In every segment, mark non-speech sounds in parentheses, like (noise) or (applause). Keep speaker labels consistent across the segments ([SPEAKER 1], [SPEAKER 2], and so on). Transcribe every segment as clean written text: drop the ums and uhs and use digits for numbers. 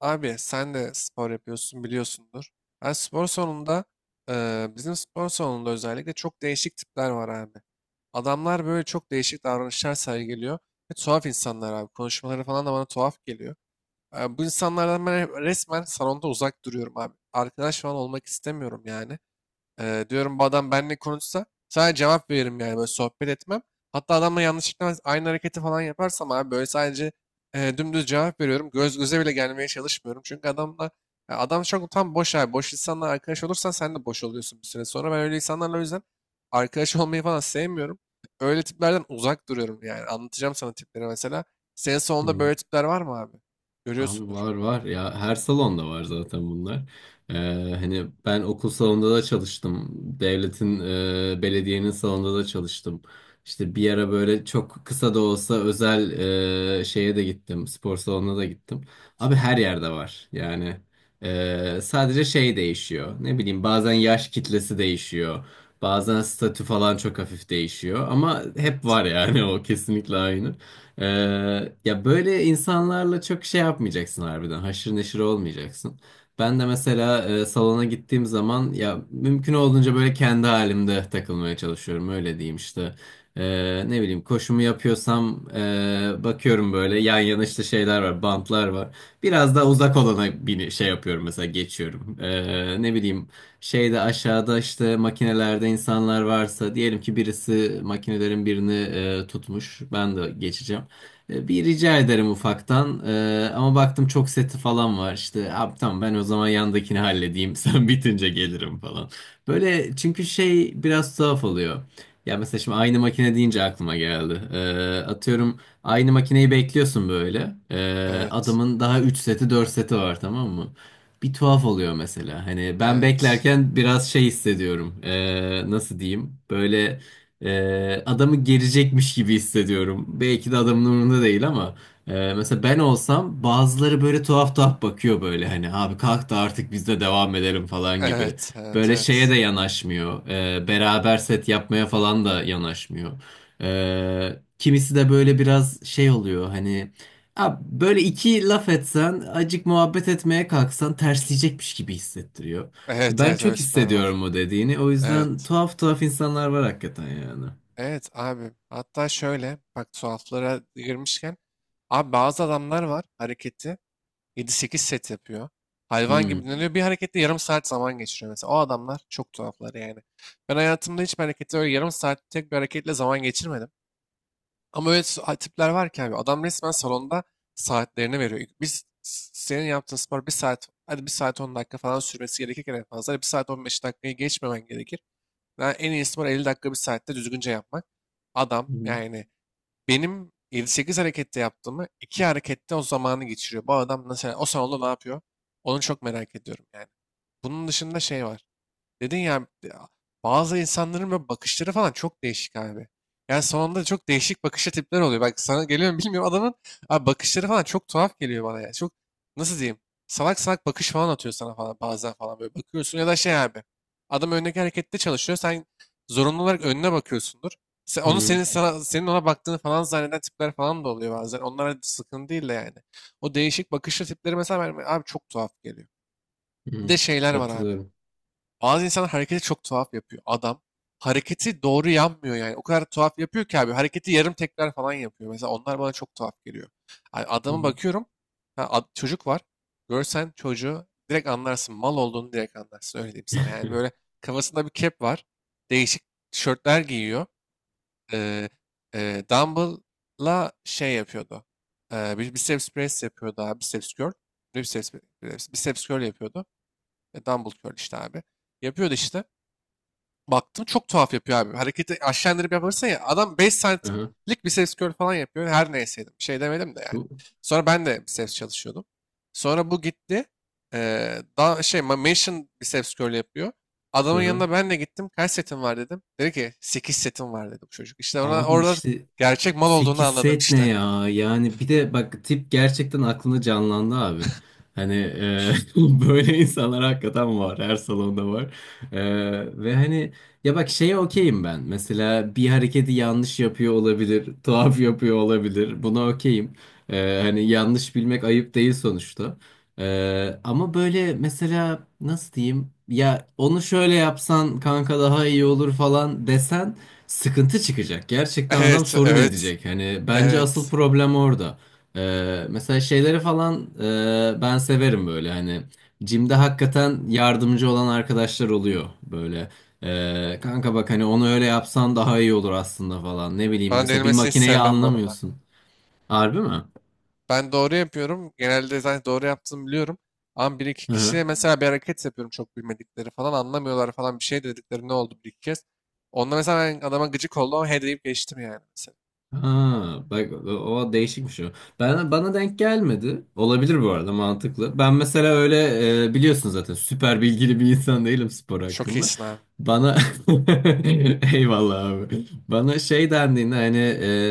[SPEAKER 1] Abi sen de spor yapıyorsun biliyorsundur. Ben spor salonunda Bizim spor salonunda özellikle çok değişik tipler var abi. Adamlar böyle çok değişik davranışlar sergiliyor. Ve tuhaf insanlar abi. Konuşmaları falan da bana tuhaf geliyor. Bu insanlardan ben resmen salonda uzak duruyorum abi. Arkadaş falan olmak istemiyorum yani. Diyorum bu adam benimle konuşsa sadece cevap veririm yani böyle sohbet etmem. Hatta adamla yanlışlıkla aynı hareketi falan yaparsam abi böyle sadece dümdüz cevap veriyorum. Göz göze bile gelmeye çalışmıyorum. Çünkü adamla Ya adam çok tam boş abi. Boş insanla arkadaş olursan sen de boş oluyorsun bir süre sonra. Ben öyle insanlarla o yüzden arkadaş olmayı falan sevmiyorum. Öyle tiplerden uzak duruyorum yani. Anlatacağım sana tipleri mesela. Senin sonunda
[SPEAKER 2] Hı.
[SPEAKER 1] böyle tipler var mı abi?
[SPEAKER 2] Abi
[SPEAKER 1] Görüyorsundur.
[SPEAKER 2] var var ya her salonda var zaten bunlar. Ee, hani ben okul salonunda da çalıştım. Devletin, belediyenin salonunda da çalıştım. İşte bir ara böyle çok kısa da olsa özel şeye de gittim. Spor salonuna da gittim. Abi her yerde var. Yani sadece şey değişiyor. Ne bileyim bazen yaş kitlesi değişiyor. Bazen statü falan çok hafif değişiyor. Ama hep
[SPEAKER 1] Evet.
[SPEAKER 2] var yani (laughs) o kesinlikle aynı. Ee, ya böyle insanlarla çok şey yapmayacaksın harbiden. Haşır neşir olmayacaksın. Ben de mesela salona gittiğim zaman ya mümkün olduğunca böyle kendi halimde takılmaya çalışıyorum. Öyle diyeyim işte. Ne bileyim koşumu yapıyorsam bakıyorum böyle yan yana işte şeyler var, bantlar var. Biraz daha uzak olana bini şey yapıyorum mesela geçiyorum. Ne bileyim şeyde aşağıda işte makinelerde insanlar varsa diyelim ki birisi makinelerin birini tutmuş. Ben de geçeceğim. Bir rica ederim ufaktan. Ama baktım çok seti falan var. İşte abi tamam ben o zaman yandakini halledeyim. (laughs) Sen bitince gelirim falan. Böyle çünkü şey biraz tuhaf oluyor. Ya mesela şimdi aynı makine deyince aklıma geldi. Atıyorum aynı makineyi bekliyorsun böyle. E,
[SPEAKER 1] Evet.
[SPEAKER 2] adamın daha 3 seti 4 seti var tamam mı? Bir tuhaf oluyor mesela. Hani ben
[SPEAKER 1] Evet.
[SPEAKER 2] beklerken biraz şey hissediyorum. Nasıl diyeyim? Böyle adamı gerecekmiş gibi hissediyorum. Belki de adamın umurunda değil ama mesela ben olsam bazıları böyle tuhaf tuhaf bakıyor böyle hani abi kalk da artık biz de devam edelim falan gibi.
[SPEAKER 1] Evet. Evet. Evet.
[SPEAKER 2] Böyle şeye
[SPEAKER 1] Evet.
[SPEAKER 2] de yanaşmıyor. Beraber set yapmaya falan da yanaşmıyor. Kimisi de böyle biraz şey oluyor hani abi böyle iki laf etsen acık muhabbet etmeye kalksan tersleyecekmiş gibi hissettiriyor. E,
[SPEAKER 1] Evet.
[SPEAKER 2] Ben çok
[SPEAKER 1] Öyle tipler var.
[SPEAKER 2] hissediyorum o dediğini. O yüzden
[SPEAKER 1] Evet.
[SPEAKER 2] tuhaf tuhaf insanlar var hakikaten yani.
[SPEAKER 1] Evet abi. Hatta şöyle bak tuhaflara girmişken abi bazı adamlar var hareketi 7-8 set yapıyor. Hayvan gibi
[SPEAKER 2] Hmm.
[SPEAKER 1] dinleniyor. Bir harekette yarım saat zaman geçiriyor mesela. O adamlar çok tuhaflar yani. Ben hayatımda hiçbir harekette öyle yarım saat tek bir hareketle zaman geçirmedim. Ama öyle tipler var ki abi adam resmen salonda saatlerini veriyor. Senin yaptığın spor bir saat hadi bir saat 10 dakika falan sürmesi gerekirken en fazla bir saat 15 dakikayı geçmemen gerekir. Ben en iyisi var 50 dakika bir saatte düzgünce yapmak. Adam
[SPEAKER 2] Hmm.
[SPEAKER 1] yani benim 7-8 harekette yaptığımı 2 harekette o zamanı geçiriyor. Bu adam nasıl o salonda ne yapıyor? Onu çok merak ediyorum yani. Bunun dışında şey var. Dedin ya bazı insanların böyle bakışları falan çok değişik abi. Yani sonunda çok değişik bakışlı tipler oluyor. Bak sana geliyor mu bilmiyorum adamın abi bakışları falan çok tuhaf geliyor bana ya. Çok nasıl diyeyim salak salak bakış falan atıyor sana falan bazen falan böyle bakıyorsun ya da şey abi. Adam öndeki harekette çalışıyor sen zorunlu olarak önüne bakıyorsundur. Onu
[SPEAKER 2] Hmm.
[SPEAKER 1] senin sana, senin ona baktığını falan zanneden tipler falan da oluyor bazen. Onlara sıkıntı değil de yani. O değişik bakışlı tipleri mesela abi çok tuhaf geliyor. Bir de
[SPEAKER 2] Hmm.
[SPEAKER 1] şeyler var abi.
[SPEAKER 2] Katılıyorum.
[SPEAKER 1] Bazı insanlar hareketi çok tuhaf yapıyor. Adam hareketi doğru yapmıyor yani. O kadar tuhaf yapıyor ki abi. Hareketi yarım tekrar falan yapıyor. Mesela onlar bana çok tuhaf geliyor. Yani
[SPEAKER 2] Hı
[SPEAKER 1] adama
[SPEAKER 2] hı.
[SPEAKER 1] bakıyorum. Ha, çocuk var. Görsen çocuğu direkt anlarsın. Mal olduğunu direkt anlarsın. Öyle diyeyim sana. Yani böyle
[SPEAKER 2] (laughs)
[SPEAKER 1] kafasında bir kep var. Değişik tişörtler giyiyor. Ee, Dumbbell'la şey yapıyordu. Bir biceps press yapıyordu abi. Biceps curl. Ne Biceps, biceps curl yapıyordu. Dumbbell curl işte abi. Yapıyordu işte baktım çok tuhaf yapıyor abi. Hareketi aşağı indirip yaparsa ya adam beş
[SPEAKER 2] Aha.
[SPEAKER 1] santimlik biceps curl falan yapıyor. Her neyseydim. Bir şey demedim de yani.
[SPEAKER 2] Bu-
[SPEAKER 1] Sonra ben de biceps çalışıyordum. Sonra bu gitti. Mansion biceps curl yapıyor. Adamın
[SPEAKER 2] aha.
[SPEAKER 1] yanına ben de gittim. Kaç setin var dedim. Dedi ki 8 setim var dedi bu çocuk. İşte orada,
[SPEAKER 2] Abi
[SPEAKER 1] orada
[SPEAKER 2] işte
[SPEAKER 1] gerçek mal olduğunu
[SPEAKER 2] 8
[SPEAKER 1] anladım
[SPEAKER 2] set ne
[SPEAKER 1] işte. (laughs)
[SPEAKER 2] ya? Yani bir de bak tip gerçekten aklına canlandı abi. Hani (laughs) böyle insanlar hakikaten var. Her salonda var. E, ve hani ya bak şeye okeyim ben. Mesela bir hareketi yanlış yapıyor olabilir. Tuhaf yapıyor olabilir. Buna okeyim. Hani yanlış bilmek ayıp değil sonuçta. Ama böyle mesela nasıl diyeyim? Ya onu şöyle yapsan kanka daha iyi olur falan desen sıkıntı çıkacak. Gerçekten adam
[SPEAKER 1] Evet,
[SPEAKER 2] sorun
[SPEAKER 1] evet,
[SPEAKER 2] edecek. Hani bence asıl
[SPEAKER 1] evet.
[SPEAKER 2] problem orada. Mesela şeyleri falan ben severim böyle hani Jim'de hakikaten yardımcı olan arkadaşlar oluyor böyle. Kanka bak hani onu öyle yapsan daha iyi olur aslında falan. Ne bileyim
[SPEAKER 1] Bana
[SPEAKER 2] mesela bir
[SPEAKER 1] denilmesini hiç
[SPEAKER 2] makineyi
[SPEAKER 1] sevmem bu arada.
[SPEAKER 2] anlamıyorsun. Harbi mi?
[SPEAKER 1] Ben doğru yapıyorum. Genelde zaten doğru yaptığımı biliyorum. Ama bir iki
[SPEAKER 2] Hı
[SPEAKER 1] kişiye
[SPEAKER 2] hı.
[SPEAKER 1] mesela bir hareket yapıyorum çok bilmedikleri falan anlamıyorlar falan bir şey dedikleri ne oldu bir iki kez. Onda mesela ben adama gıcık oldum ama he deyip geçtim yani mesela.
[SPEAKER 2] Ha, bak o değişikmiş o. Ben, bana denk gelmedi. Olabilir bu arada mantıklı. Ben mesela öyle biliyorsun zaten süper bilgili bir insan değilim spor
[SPEAKER 1] Çok
[SPEAKER 2] hakkında.
[SPEAKER 1] iyisin abi.
[SPEAKER 2] Bana (laughs) eyvallah abi. Bana şey dendiğinde hani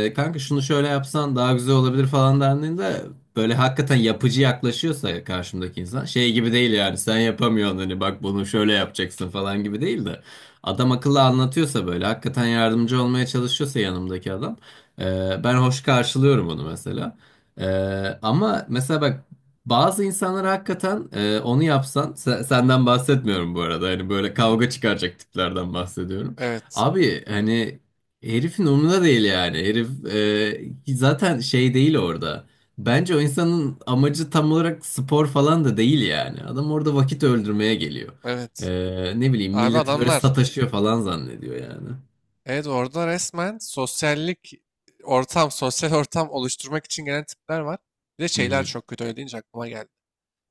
[SPEAKER 2] kanka şunu şöyle yapsan daha güzel olabilir falan dendiğinde böyle hakikaten yapıcı yaklaşıyorsa karşımdaki insan şey gibi değil yani sen yapamıyorsun hani bak bunu şöyle yapacaksın falan gibi değil de adam akıllı anlatıyorsa böyle hakikaten yardımcı olmaya çalışıyorsa yanımdaki adam ben hoş karşılıyorum onu mesela. Ama mesela bak bazı insanlar hakikaten onu yapsan senden bahsetmiyorum bu arada. Hani böyle kavga çıkaracak tiplerden bahsediyorum.
[SPEAKER 1] Evet.
[SPEAKER 2] Abi hani herifin umurunda değil yani. Herif zaten şey değil orada. Bence o insanın amacı tam olarak spor falan da değil yani. Adam orada vakit öldürmeye geliyor.
[SPEAKER 1] Evet.
[SPEAKER 2] Ne bileyim
[SPEAKER 1] Abi
[SPEAKER 2] milleti böyle
[SPEAKER 1] adamlar.
[SPEAKER 2] sataşıyor falan zannediyor yani.
[SPEAKER 1] Evet orada resmen sosyal ortam oluşturmak için gelen tipler var. Bir de
[SPEAKER 2] Hı
[SPEAKER 1] şeyler
[SPEAKER 2] hı.
[SPEAKER 1] çok kötü öyle deyince aklıma geldi.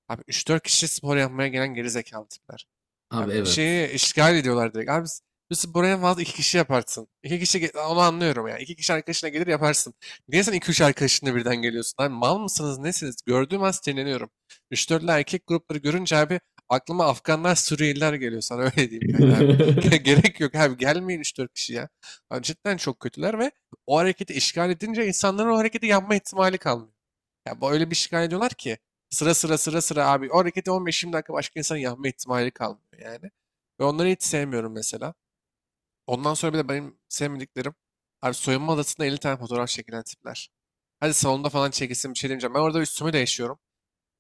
[SPEAKER 1] Abi üç dört kişi spor yapmaya gelen geri zekalı tipler.
[SPEAKER 2] Abi
[SPEAKER 1] Abi bir
[SPEAKER 2] evet.
[SPEAKER 1] şeyi işgal ediyorlar direkt. Biz buraya en fazla iki kişi yaparsın. İki kişi onu anlıyorum ya. İki kişi arkadaşına gelir yaparsın. Niye sen iki üç arkadaşınla birden geliyorsun? Abi mal mısınız nesiniz? Gördüğüm an sinirleniyorum. Üç dörtlü erkek grupları görünce abi aklıma Afganlar Suriyeliler geliyor sana (laughs) öyle diyeyim yani abi. (laughs)
[SPEAKER 2] (laughs)
[SPEAKER 1] Gerek yok abi gelmeyin üç dört kişi ya. Abi cidden çok kötüler ve o hareketi işgal edince insanların o hareketi yapma ihtimali kalmıyor. Ya bu öyle bir şikayet ediyorlar ki sıra sıra sıra sıra abi o hareketi 15-20 dakika başka insanın yapma ihtimali kalmıyor yani. Ve onları hiç sevmiyorum mesela. Ondan sonra bir de benim sevmediklerim abi soyunma odasında 50 tane fotoğraf çekilen tipler. Hadi salonda falan çekilsin bir şey demeyeceğim. Ben orada üstümü değişiyorum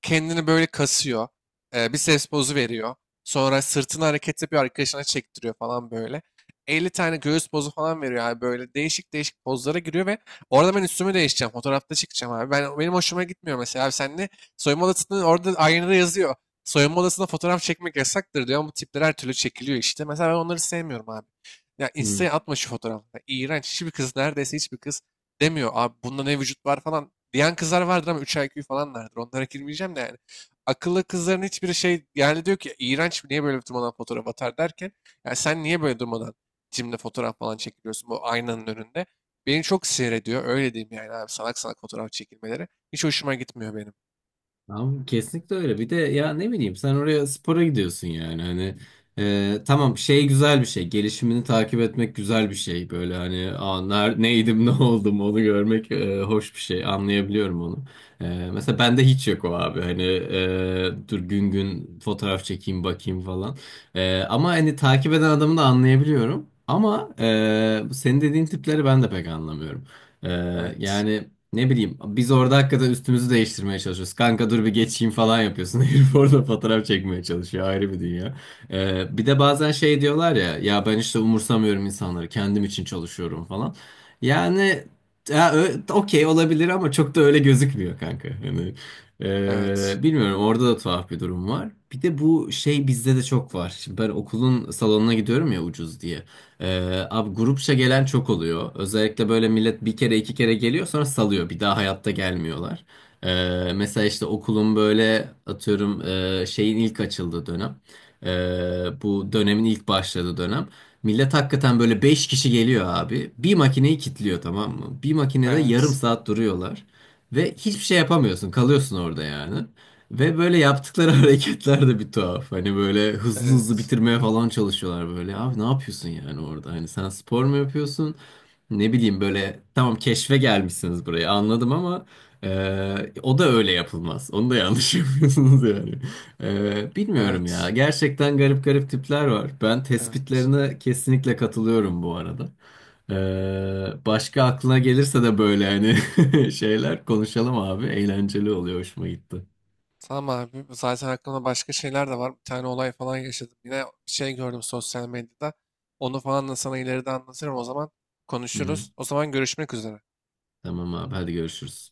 [SPEAKER 1] kendini böyle kasıyor. Biceps pozu veriyor. Sonra sırtını hareket yapıyor arkadaşına çektiriyor falan böyle. 50 tane göğüs pozu falan veriyor abi böyle değişik değişik pozlara giriyor ve orada ben üstümü değişeceğim. Fotoğrafta çıkacağım abi. Benim hoşuma gitmiyor mesela. Abi sen ne soyunma odasında orada aynada yazıyor. Soyunma odasında fotoğraf çekmek yasaktır diyor ama bu tipler her türlü çekiliyor işte. Mesela ben onları sevmiyorum abi. Ya
[SPEAKER 2] Hı.
[SPEAKER 1] Insta'ya atma şu fotoğrafı. İğrenç. Hiçbir kız Neredeyse hiçbir kız demiyor. Abi bunda ne vücut var falan. Diyen kızlar vardır ama 3 IQ falan vardır. Onlara girmeyeceğim de yani. Akıllı kızların hiçbiri şey yani diyor ki iğrenç niye böyle durmadan fotoğraf atar derken ya sen niye böyle durmadan cimde fotoğraf falan çekiliyorsun bu aynanın önünde. Beni çok sinir ediyor. Öyle diyeyim yani abi salak salak fotoğraf çekilmeleri. Hiç hoşuma gitmiyor benim.
[SPEAKER 2] Tamam, kesinlikle öyle. Bir de ya ne bileyim sen oraya spora gidiyorsun yani hani tamam şey güzel bir şey gelişimini takip etmek güzel bir şey böyle hani neydim (laughs) ne oldum onu görmek hoş bir şey anlayabiliyorum onu. Mesela bende hiç yok o abi hani dur gün gün fotoğraf çekeyim bakayım falan. Ama hani takip eden adamı da anlayabiliyorum ama bu senin dediğin tipleri ben de pek anlamıyorum. E,
[SPEAKER 1] Evet.
[SPEAKER 2] yani. Ne bileyim biz orada hakikaten üstümüzü değiştirmeye çalışıyoruz. Kanka dur bir geçeyim falan yapıyorsun. (laughs) Herif orada fotoğraf çekmeye çalışıyor. Ayrı bir dünya. Bir de bazen şey diyorlar ya ya ben işte umursamıyorum insanları kendim için çalışıyorum falan. Yani ya, okey olabilir ama çok da öyle gözükmüyor kanka. Yani,
[SPEAKER 1] Evet.
[SPEAKER 2] bilmiyorum orada da tuhaf bir durum var. Bir de bu şey bizde de çok var. Şimdi ben okulun salonuna gidiyorum ya ucuz diye. Abi grupça gelen çok oluyor. Özellikle böyle millet bir kere iki kere geliyor sonra salıyor. Bir daha hayatta gelmiyorlar. Mesela işte okulun böyle atıyorum şeyin ilk açıldığı dönem. Bu dönemin ilk başladığı dönem. Millet hakikaten böyle 5 kişi geliyor abi. Bir makineyi kilitliyor tamam mı? Bir makinede yarım
[SPEAKER 1] Evet.
[SPEAKER 2] saat duruyorlar. Ve hiçbir şey yapamıyorsun. Kalıyorsun orada yani. Ve böyle yaptıkları (laughs) hareketler de bir tuhaf. Hani böyle hızlı hızlı
[SPEAKER 1] Evet.
[SPEAKER 2] bitirmeye falan çalışıyorlar böyle. Abi ne yapıyorsun yani orada? Hani sen spor mu yapıyorsun? Ne bileyim böyle tamam keşfe gelmişsiniz buraya anladım ama o da öyle yapılmaz. Onu da yanlış (laughs) yapıyorsunuz yani. Bilmiyorum ya.
[SPEAKER 1] Evet.
[SPEAKER 2] Gerçekten garip garip tipler var. Ben
[SPEAKER 1] Evet.
[SPEAKER 2] tespitlerine kesinlikle katılıyorum bu arada. Başka aklına gelirse de böyle hani (laughs) şeyler konuşalım abi. Eğlenceli oluyor. Hoşuma gitti.
[SPEAKER 1] Tamam abi. Zaten aklımda başka şeyler de var. Bir tane olay falan yaşadım. Yine bir şey gördüm sosyal medyada. Onu falan da sana ileride anlatırım o zaman.
[SPEAKER 2] Hı hı.
[SPEAKER 1] Konuşuruz. O zaman görüşmek üzere.
[SPEAKER 2] Tamam abi hadi görüşürüz.